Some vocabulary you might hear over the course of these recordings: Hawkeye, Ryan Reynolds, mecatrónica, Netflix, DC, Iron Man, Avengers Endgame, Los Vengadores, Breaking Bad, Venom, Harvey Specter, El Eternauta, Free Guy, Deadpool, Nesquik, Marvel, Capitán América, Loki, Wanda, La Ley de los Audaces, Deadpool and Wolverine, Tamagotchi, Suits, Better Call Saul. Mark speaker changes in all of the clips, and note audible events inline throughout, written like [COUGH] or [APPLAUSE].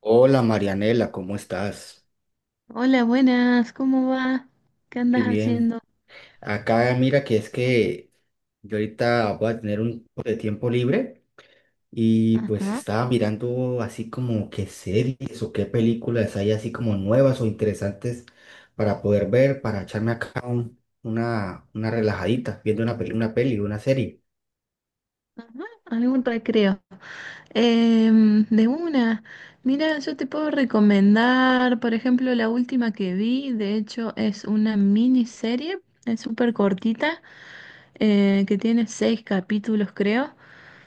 Speaker 1: Hola, Marianela, ¿cómo estás?
Speaker 2: Hola, buenas, ¿cómo va? ¿Qué
Speaker 1: Muy
Speaker 2: andas
Speaker 1: bien.
Speaker 2: haciendo?
Speaker 1: Acá mira que es que yo ahorita voy a tener un poco de tiempo libre y pues
Speaker 2: Ajá,
Speaker 1: estaba mirando así como qué series o qué películas hay así como nuevas o interesantes para poder ver, para echarme acá una relajadita, viendo una serie.
Speaker 2: algún recreo. De una, mira, yo te puedo recomendar, por ejemplo, la última que vi. De hecho, es una miniserie, es súper cortita, que tiene seis capítulos, creo.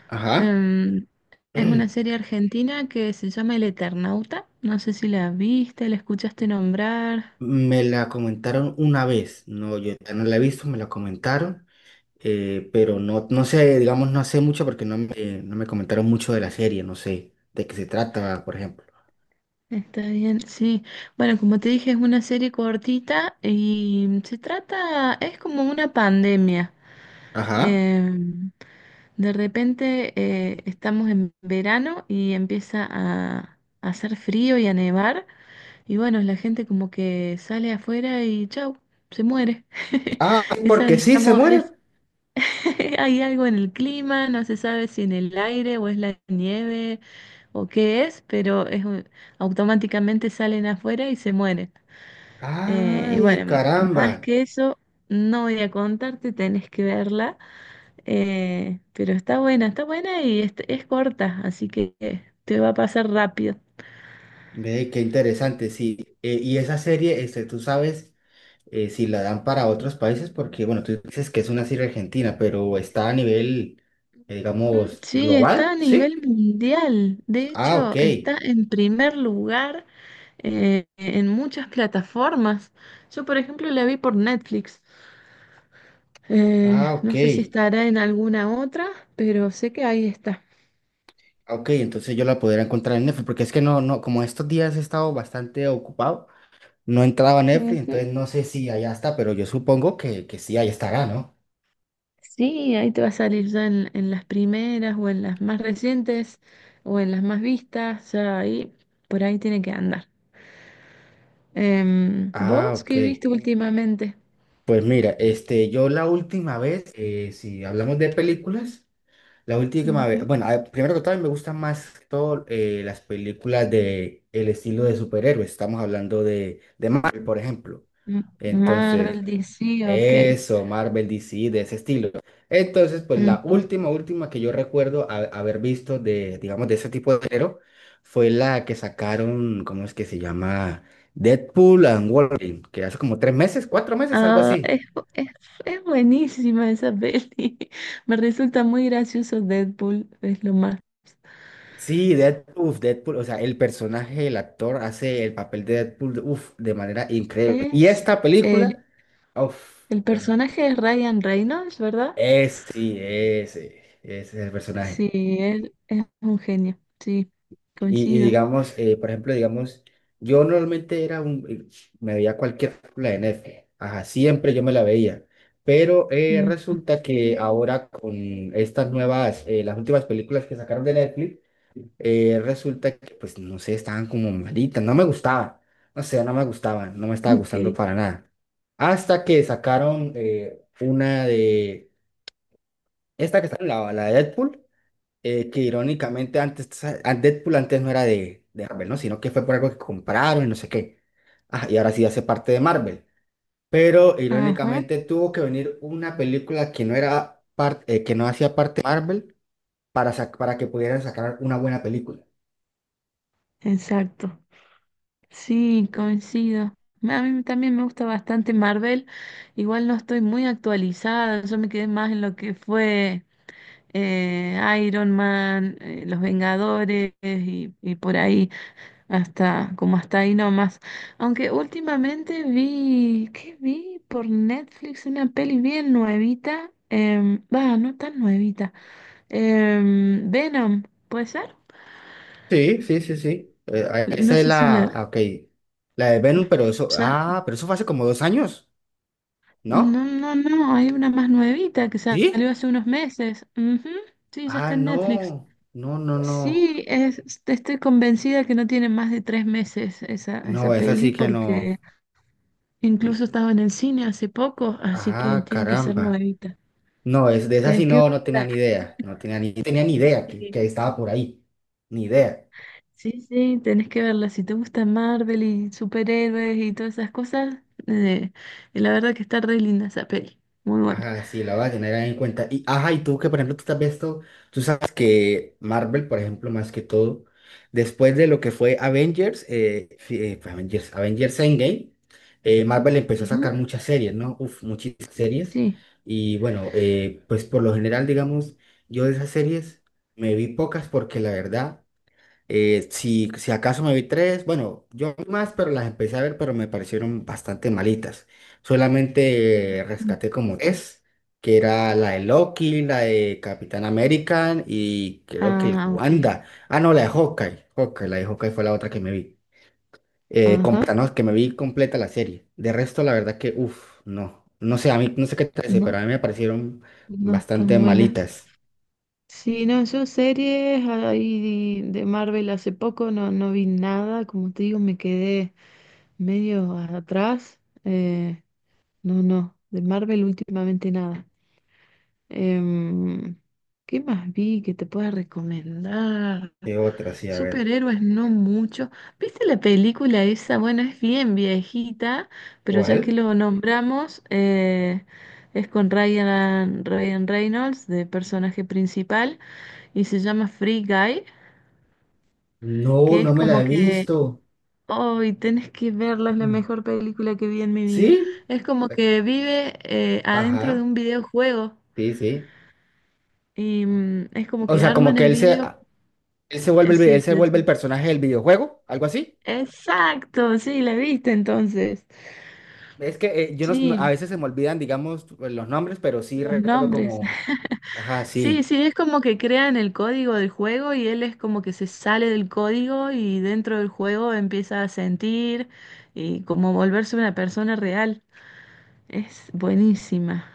Speaker 1: Ajá.
Speaker 2: Em, es una
Speaker 1: [CLEARS THROAT]
Speaker 2: serie argentina que se llama El Eternauta, no sé si la viste, la escuchaste nombrar.
Speaker 1: Me la comentaron una vez. No, yo ya no la he visto, me la comentaron. Pero no, no sé, digamos, no sé mucho porque no me comentaron mucho de la serie, no sé de qué se trata, por ejemplo.
Speaker 2: Está bien, sí. Bueno, como te dije, es una serie cortita y se trata, es como una pandemia.
Speaker 1: Ajá.
Speaker 2: Em, de repente, estamos en verano y empieza a hacer frío y a nevar, y bueno, la gente como que sale afuera y chau, se muere. [LAUGHS]
Speaker 1: Ah, sí,
Speaker 2: Esa,
Speaker 1: porque sí, se
Speaker 2: digamos,
Speaker 1: muere.
Speaker 2: [LAUGHS] hay algo en el clima, no se sabe si en el aire o es la nieve o qué es, pero es, automáticamente salen afuera y se mueren. Y bueno,
Speaker 1: Ay, caramba.
Speaker 2: más que eso no voy a contarte, tenés que verla, pero está buena, está buena, y es corta, así que te va a pasar rápido.
Speaker 1: Ve, qué interesante, sí. Y esa serie, este, tú sabes si la dan para otros países, porque, bueno, tú dices que es una serie argentina, pero está a nivel,
Speaker 2: Mm,
Speaker 1: digamos,
Speaker 2: sí, está
Speaker 1: global,
Speaker 2: a
Speaker 1: ¿sí?
Speaker 2: nivel mundial. De
Speaker 1: Ah, ok.
Speaker 2: hecho, está en primer lugar en muchas plataformas. Yo, por ejemplo, la vi por Netflix. Eh,
Speaker 1: Ah, ok.
Speaker 2: no sé si estará en alguna otra, pero sé que ahí está.
Speaker 1: Ok, entonces yo la podría encontrar en Netflix, porque es que no, no, como estos días he estado bastante ocupado, no entraba a Netflix,
Speaker 2: Ujú.
Speaker 1: entonces no sé si allá está, pero yo supongo que sí, ahí estará, ¿no?
Speaker 2: Sí, ahí te va a salir ya en, las primeras o en las más recientes o en las más vistas. Ya ahí, por ahí tiene que andar. Em,
Speaker 1: Ah,
Speaker 2: ¿vos qué
Speaker 1: ok.
Speaker 2: viste últimamente?
Speaker 1: Pues mira, este, yo la última vez, si hablamos de películas, la última vez,
Speaker 2: Ujú.
Speaker 1: bueno, primero que todo, me gustan más que todo las películas de el estilo de superhéroes, estamos hablando de Marvel, por ejemplo. Entonces,
Speaker 2: Marvel, DC, ok.
Speaker 1: eso, Marvel, DC, de ese estilo. Entonces, pues la
Speaker 2: Mm.
Speaker 1: última que yo recuerdo haber visto de, digamos, de ese tipo de género fue la que sacaron, ¿cómo es que se llama? Deadpool and Wolverine, que hace como tres meses, cuatro meses, algo
Speaker 2: Ah,
Speaker 1: así.
Speaker 2: es buenísima esa peli. [LAUGHS] Me resulta muy gracioso Deadpool, es lo más.
Speaker 1: Sí, Deadpool, uf, Deadpool, o sea, el personaje, el actor hace el papel de Deadpool, uf, de manera increíble. Y
Speaker 2: Es
Speaker 1: esta
Speaker 2: eh,
Speaker 1: película, uf,
Speaker 2: el personaje es Ryan Reynolds, ¿verdad?
Speaker 1: es, sí, ese es el personaje.
Speaker 2: Sí, él es un genio. Sí,
Speaker 1: Y
Speaker 2: coincido.
Speaker 1: digamos, por ejemplo, digamos, yo normalmente era me veía cualquier película de Netflix, ajá, siempre yo me la veía, pero
Speaker 2: Mm.
Speaker 1: resulta que ahora con estas nuevas, las últimas películas que sacaron de Netflix, resulta que, pues, no sé, estaban como malitas, no me gustaban, no sé, no me gustaban, no me
Speaker 2: [LAUGHS]
Speaker 1: estaba
Speaker 2: Ok.
Speaker 1: gustando para nada. Hasta que sacaron una de, esta que está, la de Deadpool que irónicamente antes, a Deadpool antes no era de Marvel, ¿no? Sino que fue por algo que compraron y no sé qué. Ah, y ahora sí hace parte de Marvel. Pero
Speaker 2: Ajá,
Speaker 1: irónicamente tuvo que venir una película que no era parte, que no hacía parte de Marvel para, para que pudieran sacar una buena película.
Speaker 2: exacto. Sí, coincido. A mí también me gusta bastante Marvel. Igual no estoy muy actualizada. Yo me quedé más en lo que fue, eh, Iron Man, Los Vengadores, y por ahí, hasta como hasta ahí nomás. Aunque últimamente vi, ¿qué vi? Por Netflix, una peli bien nuevita, va, no tan nuevita, Venom, ¿puede ser?
Speaker 1: Sí, sí, sí, sí.
Speaker 2: No
Speaker 1: Esa es
Speaker 2: sé si
Speaker 1: la,
Speaker 2: la,
Speaker 1: ah, ok, la de Venom, pero eso,
Speaker 2: ¿ya?
Speaker 1: ah, pero eso fue hace como dos años,
Speaker 2: No,
Speaker 1: ¿no?
Speaker 2: no, no, hay una más nuevita que salió
Speaker 1: ¿Sí?
Speaker 2: hace unos meses. Ujú, sí, ya
Speaker 1: Ah,
Speaker 2: está en Netflix.
Speaker 1: no, no, no, no.
Speaker 2: Sí, te estoy convencida que no tiene más de 3 meses esa,
Speaker 1: No, esa
Speaker 2: peli,
Speaker 1: sí que
Speaker 2: porque
Speaker 1: no.
Speaker 2: incluso estaba en el cine hace poco, así que
Speaker 1: Ah,
Speaker 2: tiene que ser
Speaker 1: caramba.
Speaker 2: nuevita.
Speaker 1: No, es de esa sí
Speaker 2: Tenés que
Speaker 1: no, no tenía
Speaker 2: verla.
Speaker 1: ni idea. No tenía ni idea
Speaker 2: Sí,
Speaker 1: que estaba por ahí. Ni idea.
Speaker 2: sí, sí, tenés que verla. Si te gusta Marvel y superhéroes y todas esas cosas, eh, la verdad que está re linda esa peli. Muy buena.
Speaker 1: Ajá, sí, la voy a tener ahí en cuenta. Y, ajá, y tú que, por ejemplo, tú te has visto, tú sabes que Marvel, por ejemplo, más que todo, después de lo que fue Avengers, fue Avengers Endgame, Marvel empezó a
Speaker 2: Ujú,
Speaker 1: sacar muchas series, ¿no? Uf, muchísimas series.
Speaker 2: sí.
Speaker 1: Y bueno, pues por lo general, digamos, yo de esas series me vi pocas porque la verdad... Si, acaso me vi tres, bueno, yo vi más, pero las empecé a ver, pero me parecieron bastante malitas. Solamente rescaté como tres, que era la de Loki, la de Capitán América y creo que la de
Speaker 2: Ah, ok.
Speaker 1: Wanda. Ah, no, la de Hawkeye. La de Hawkeye fue la otra que me vi. Completa,
Speaker 2: Ajá.
Speaker 1: no, que me vi completa la serie. De resto, la verdad que, uff, no. No sé, a mí, no sé qué te parece, pero
Speaker 2: No,
Speaker 1: a mí me parecieron
Speaker 2: no
Speaker 1: bastante
Speaker 2: están buenas.
Speaker 1: malitas.
Speaker 2: Sí, no, yo series ahí de Marvel hace poco no vi nada, como te digo, me quedé medio atrás. eh, no, no, de Marvel últimamente nada. Em, ¿qué más vi que te pueda recomendar?
Speaker 1: ¿Qué otra? Sí, a ver.
Speaker 2: Superhéroes no mucho. ¿Viste la película esa? Bueno, es bien viejita, pero ya que
Speaker 1: ¿Cuál?
Speaker 2: lo nombramos, es con Ryan Reynolds de personaje principal, y se llama Free Guy,
Speaker 1: No,
Speaker 2: que
Speaker 1: no
Speaker 2: es
Speaker 1: me la
Speaker 2: como
Speaker 1: he
Speaker 2: que,
Speaker 1: visto.
Speaker 2: hoy tenés que verla, es la
Speaker 1: Mm.
Speaker 2: mejor película que vi en mi vida.
Speaker 1: ¿Sí?
Speaker 2: Es como
Speaker 1: Eh,
Speaker 2: que vive, adentro de
Speaker 1: Ajá,
Speaker 2: un videojuego,
Speaker 1: sí, sí.
Speaker 2: y es como
Speaker 1: O
Speaker 2: que
Speaker 1: sea, como
Speaker 2: arman
Speaker 1: que
Speaker 2: el
Speaker 1: él se,
Speaker 2: video.
Speaker 1: a- él se vuelve él
Speaker 2: Sí,
Speaker 1: se vuelve el
Speaker 2: sí.
Speaker 1: personaje del videojuego, algo así.
Speaker 2: Exacto, sí, la viste entonces.
Speaker 1: Es que yo no, s- no- a
Speaker 2: Sí,
Speaker 1: veces se me olvidan, digamos, pues, los nombres, pero sí
Speaker 2: los
Speaker 1: recuerdo
Speaker 2: nombres.
Speaker 1: como,
Speaker 2: [LAUGHS]
Speaker 1: ajá,
Speaker 2: Sí,
Speaker 1: sí,
Speaker 2: sí, es como que crean el código del juego, y él es como que se sale del código y dentro del juego empieza a sentir y como volverse una persona real. Es buenísima.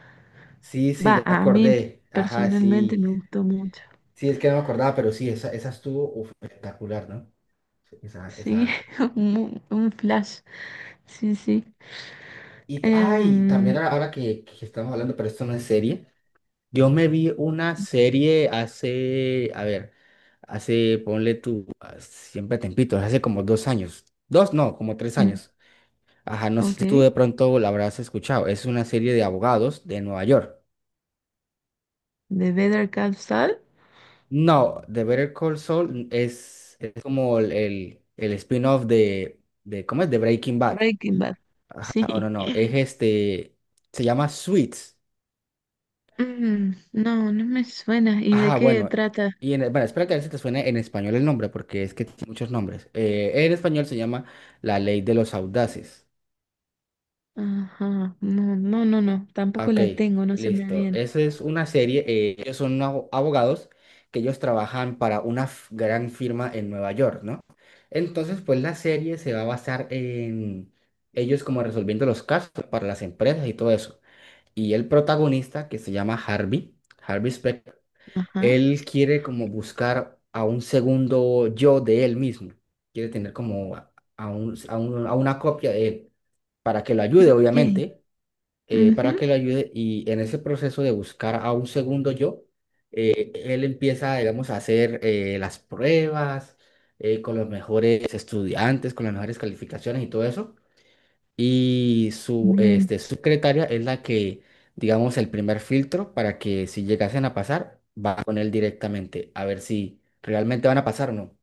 Speaker 1: sí, sí, ya
Speaker 2: Va,
Speaker 1: me
Speaker 2: a mí
Speaker 1: acordé, ajá,
Speaker 2: personalmente
Speaker 1: sí,
Speaker 2: me gustó mucho.
Speaker 1: sí, es que no me acordaba, pero sí, esa estuvo uf, espectacular, ¿no? Sí, esa,
Speaker 2: Sí,
Speaker 1: esa.
Speaker 2: [LAUGHS] un, flash. Sí, sí.
Speaker 1: Y, ay, también
Speaker 2: Em,
Speaker 1: ahora que estamos hablando, pero esto no es serie. Yo me vi una serie hace, a ver, hace, ponle tú, ah, siempre tempitos, hace como dos años, dos, no, como tres
Speaker 2: mm,
Speaker 1: años. Ajá, no sé
Speaker 2: ok.
Speaker 1: si tú de pronto la habrás escuchado. Es una serie de abogados de Nueva York.
Speaker 2: The Better Call Saul,
Speaker 1: No, The Better Call Saul es como el spin-off de, ¿cómo es? De Breaking Bad.
Speaker 2: Breaking Bad.
Speaker 1: Ajá, no,
Speaker 2: Sí.
Speaker 1: no, no, es
Speaker 2: [LAUGHS]
Speaker 1: este, se llama Suits.
Speaker 2: Mm, no, no me suena. ¿Y de
Speaker 1: Ah,
Speaker 2: qué
Speaker 1: bueno.
Speaker 2: trata?
Speaker 1: Y en, bueno, espero que a veces te suene en español el nombre, porque es que tiene muchos nombres. En español se llama La Ley de los Audaces.
Speaker 2: Ajá. No, no, no, no.
Speaker 1: Ah,
Speaker 2: Tampoco
Speaker 1: ok,
Speaker 2: la tengo, no se me
Speaker 1: listo.
Speaker 2: viene.
Speaker 1: Esa es una serie. Ellos son abogados que ellos trabajan para una gran firma en Nueva York, ¿no? Entonces, pues la serie se va a basar en ellos como resolviendo los casos para las empresas y todo eso. Y el protagonista, que se llama Harvey Specter.
Speaker 2: Ajá.
Speaker 1: Él quiere como buscar a un segundo yo de él mismo. Quiere tener como a, a una copia de él para que lo ayude,
Speaker 2: Ok.
Speaker 1: obviamente, para
Speaker 2: Ujú,
Speaker 1: que lo ayude. Y en ese proceso de buscar a un segundo yo, él empieza, digamos, a hacer las pruebas con los mejores estudiantes, con las mejores calificaciones y todo eso. Y su
Speaker 2: bien.
Speaker 1: este, secretaria es la que, digamos, el primer filtro para que si llegasen a pasar, va con él directamente a ver si realmente van a pasar o no.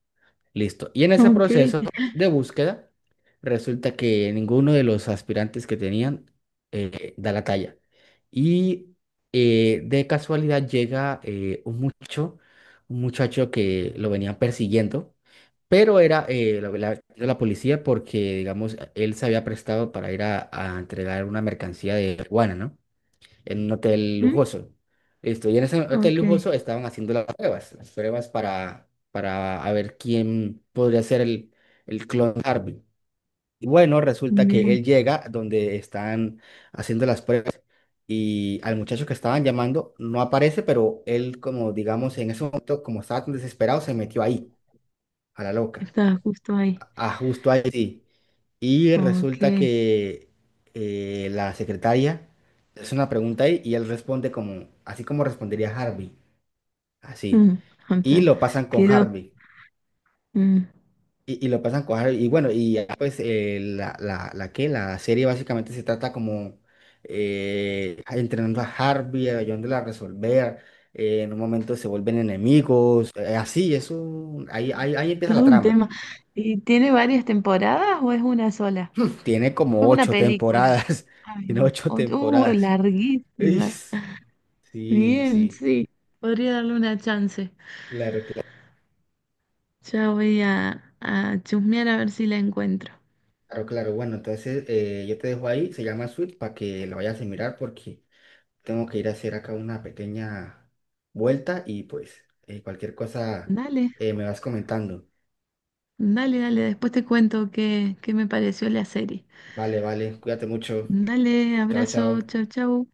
Speaker 1: Listo. Y en ese
Speaker 2: Ok.
Speaker 1: proceso de búsqueda, resulta que ninguno de los aspirantes que tenían da la talla. Y de casualidad llega un muchacho que lo venían persiguiendo. Pero era la policía porque, digamos, él se había prestado para ir a entregar una mercancía de marihuana, ¿no? En un hotel
Speaker 2: Ujú,
Speaker 1: lujoso. Listo. Y en ese hotel
Speaker 2: ok.
Speaker 1: lujoso estaban haciendo las pruebas para a ver quién podría ser el clon de Harvey. Y bueno, resulta que
Speaker 2: Bien.
Speaker 1: él llega donde están haciendo las pruebas y al muchacho que estaban llamando no aparece, pero él, como digamos, en ese momento, como estaba tan desesperado, se metió ahí, a la loca
Speaker 2: Estaba justo ahí.
Speaker 1: a justo a Haití. Y
Speaker 2: Ok.
Speaker 1: resulta que la secretaria le hace una pregunta ahí y él responde como, así como respondería Harvey, así.
Speaker 2: mm,
Speaker 1: Y
Speaker 2: anta-
Speaker 1: lo pasan con
Speaker 2: Quedó,
Speaker 1: Harvey.
Speaker 2: mm,
Speaker 1: Y lo pasan con Harvey. Y bueno, y ya, pues la que la serie básicamente se trata como entrenando a Harvey, ayudándole a resolver. En un momento se vuelven enemigos. Así, eso, ahí empieza la
Speaker 2: todo un
Speaker 1: trama.
Speaker 2: tema. ¿Y tiene varias temporadas o es una sola?
Speaker 1: Tiene
Speaker 2: Es
Speaker 1: como
Speaker 2: una
Speaker 1: ocho
Speaker 2: película.
Speaker 1: temporadas. [LAUGHS]
Speaker 2: Ay,
Speaker 1: Tiene
Speaker 2: va.
Speaker 1: ocho temporadas.
Speaker 2: Larguísima.
Speaker 1: Is. Sí,
Speaker 2: Bien,
Speaker 1: sí.
Speaker 2: sí. Podría darle una chance.
Speaker 1: Claro, claro,
Speaker 2: Ya voy a chusmear a ver si la encuentro.
Speaker 1: claro. Claro. Bueno, entonces yo te dejo ahí. Se llama Sweet para que lo vayas a mirar porque tengo que ir a hacer acá una pequeña vuelta y pues cualquier cosa
Speaker 2: Dale,
Speaker 1: me vas comentando.
Speaker 2: dale, dale. Después te cuento qué, me pareció la serie.
Speaker 1: Vale, vale. Cuídate mucho.
Speaker 2: Dale,
Speaker 1: Chao,
Speaker 2: abrazo.
Speaker 1: chao.
Speaker 2: Chau, chau.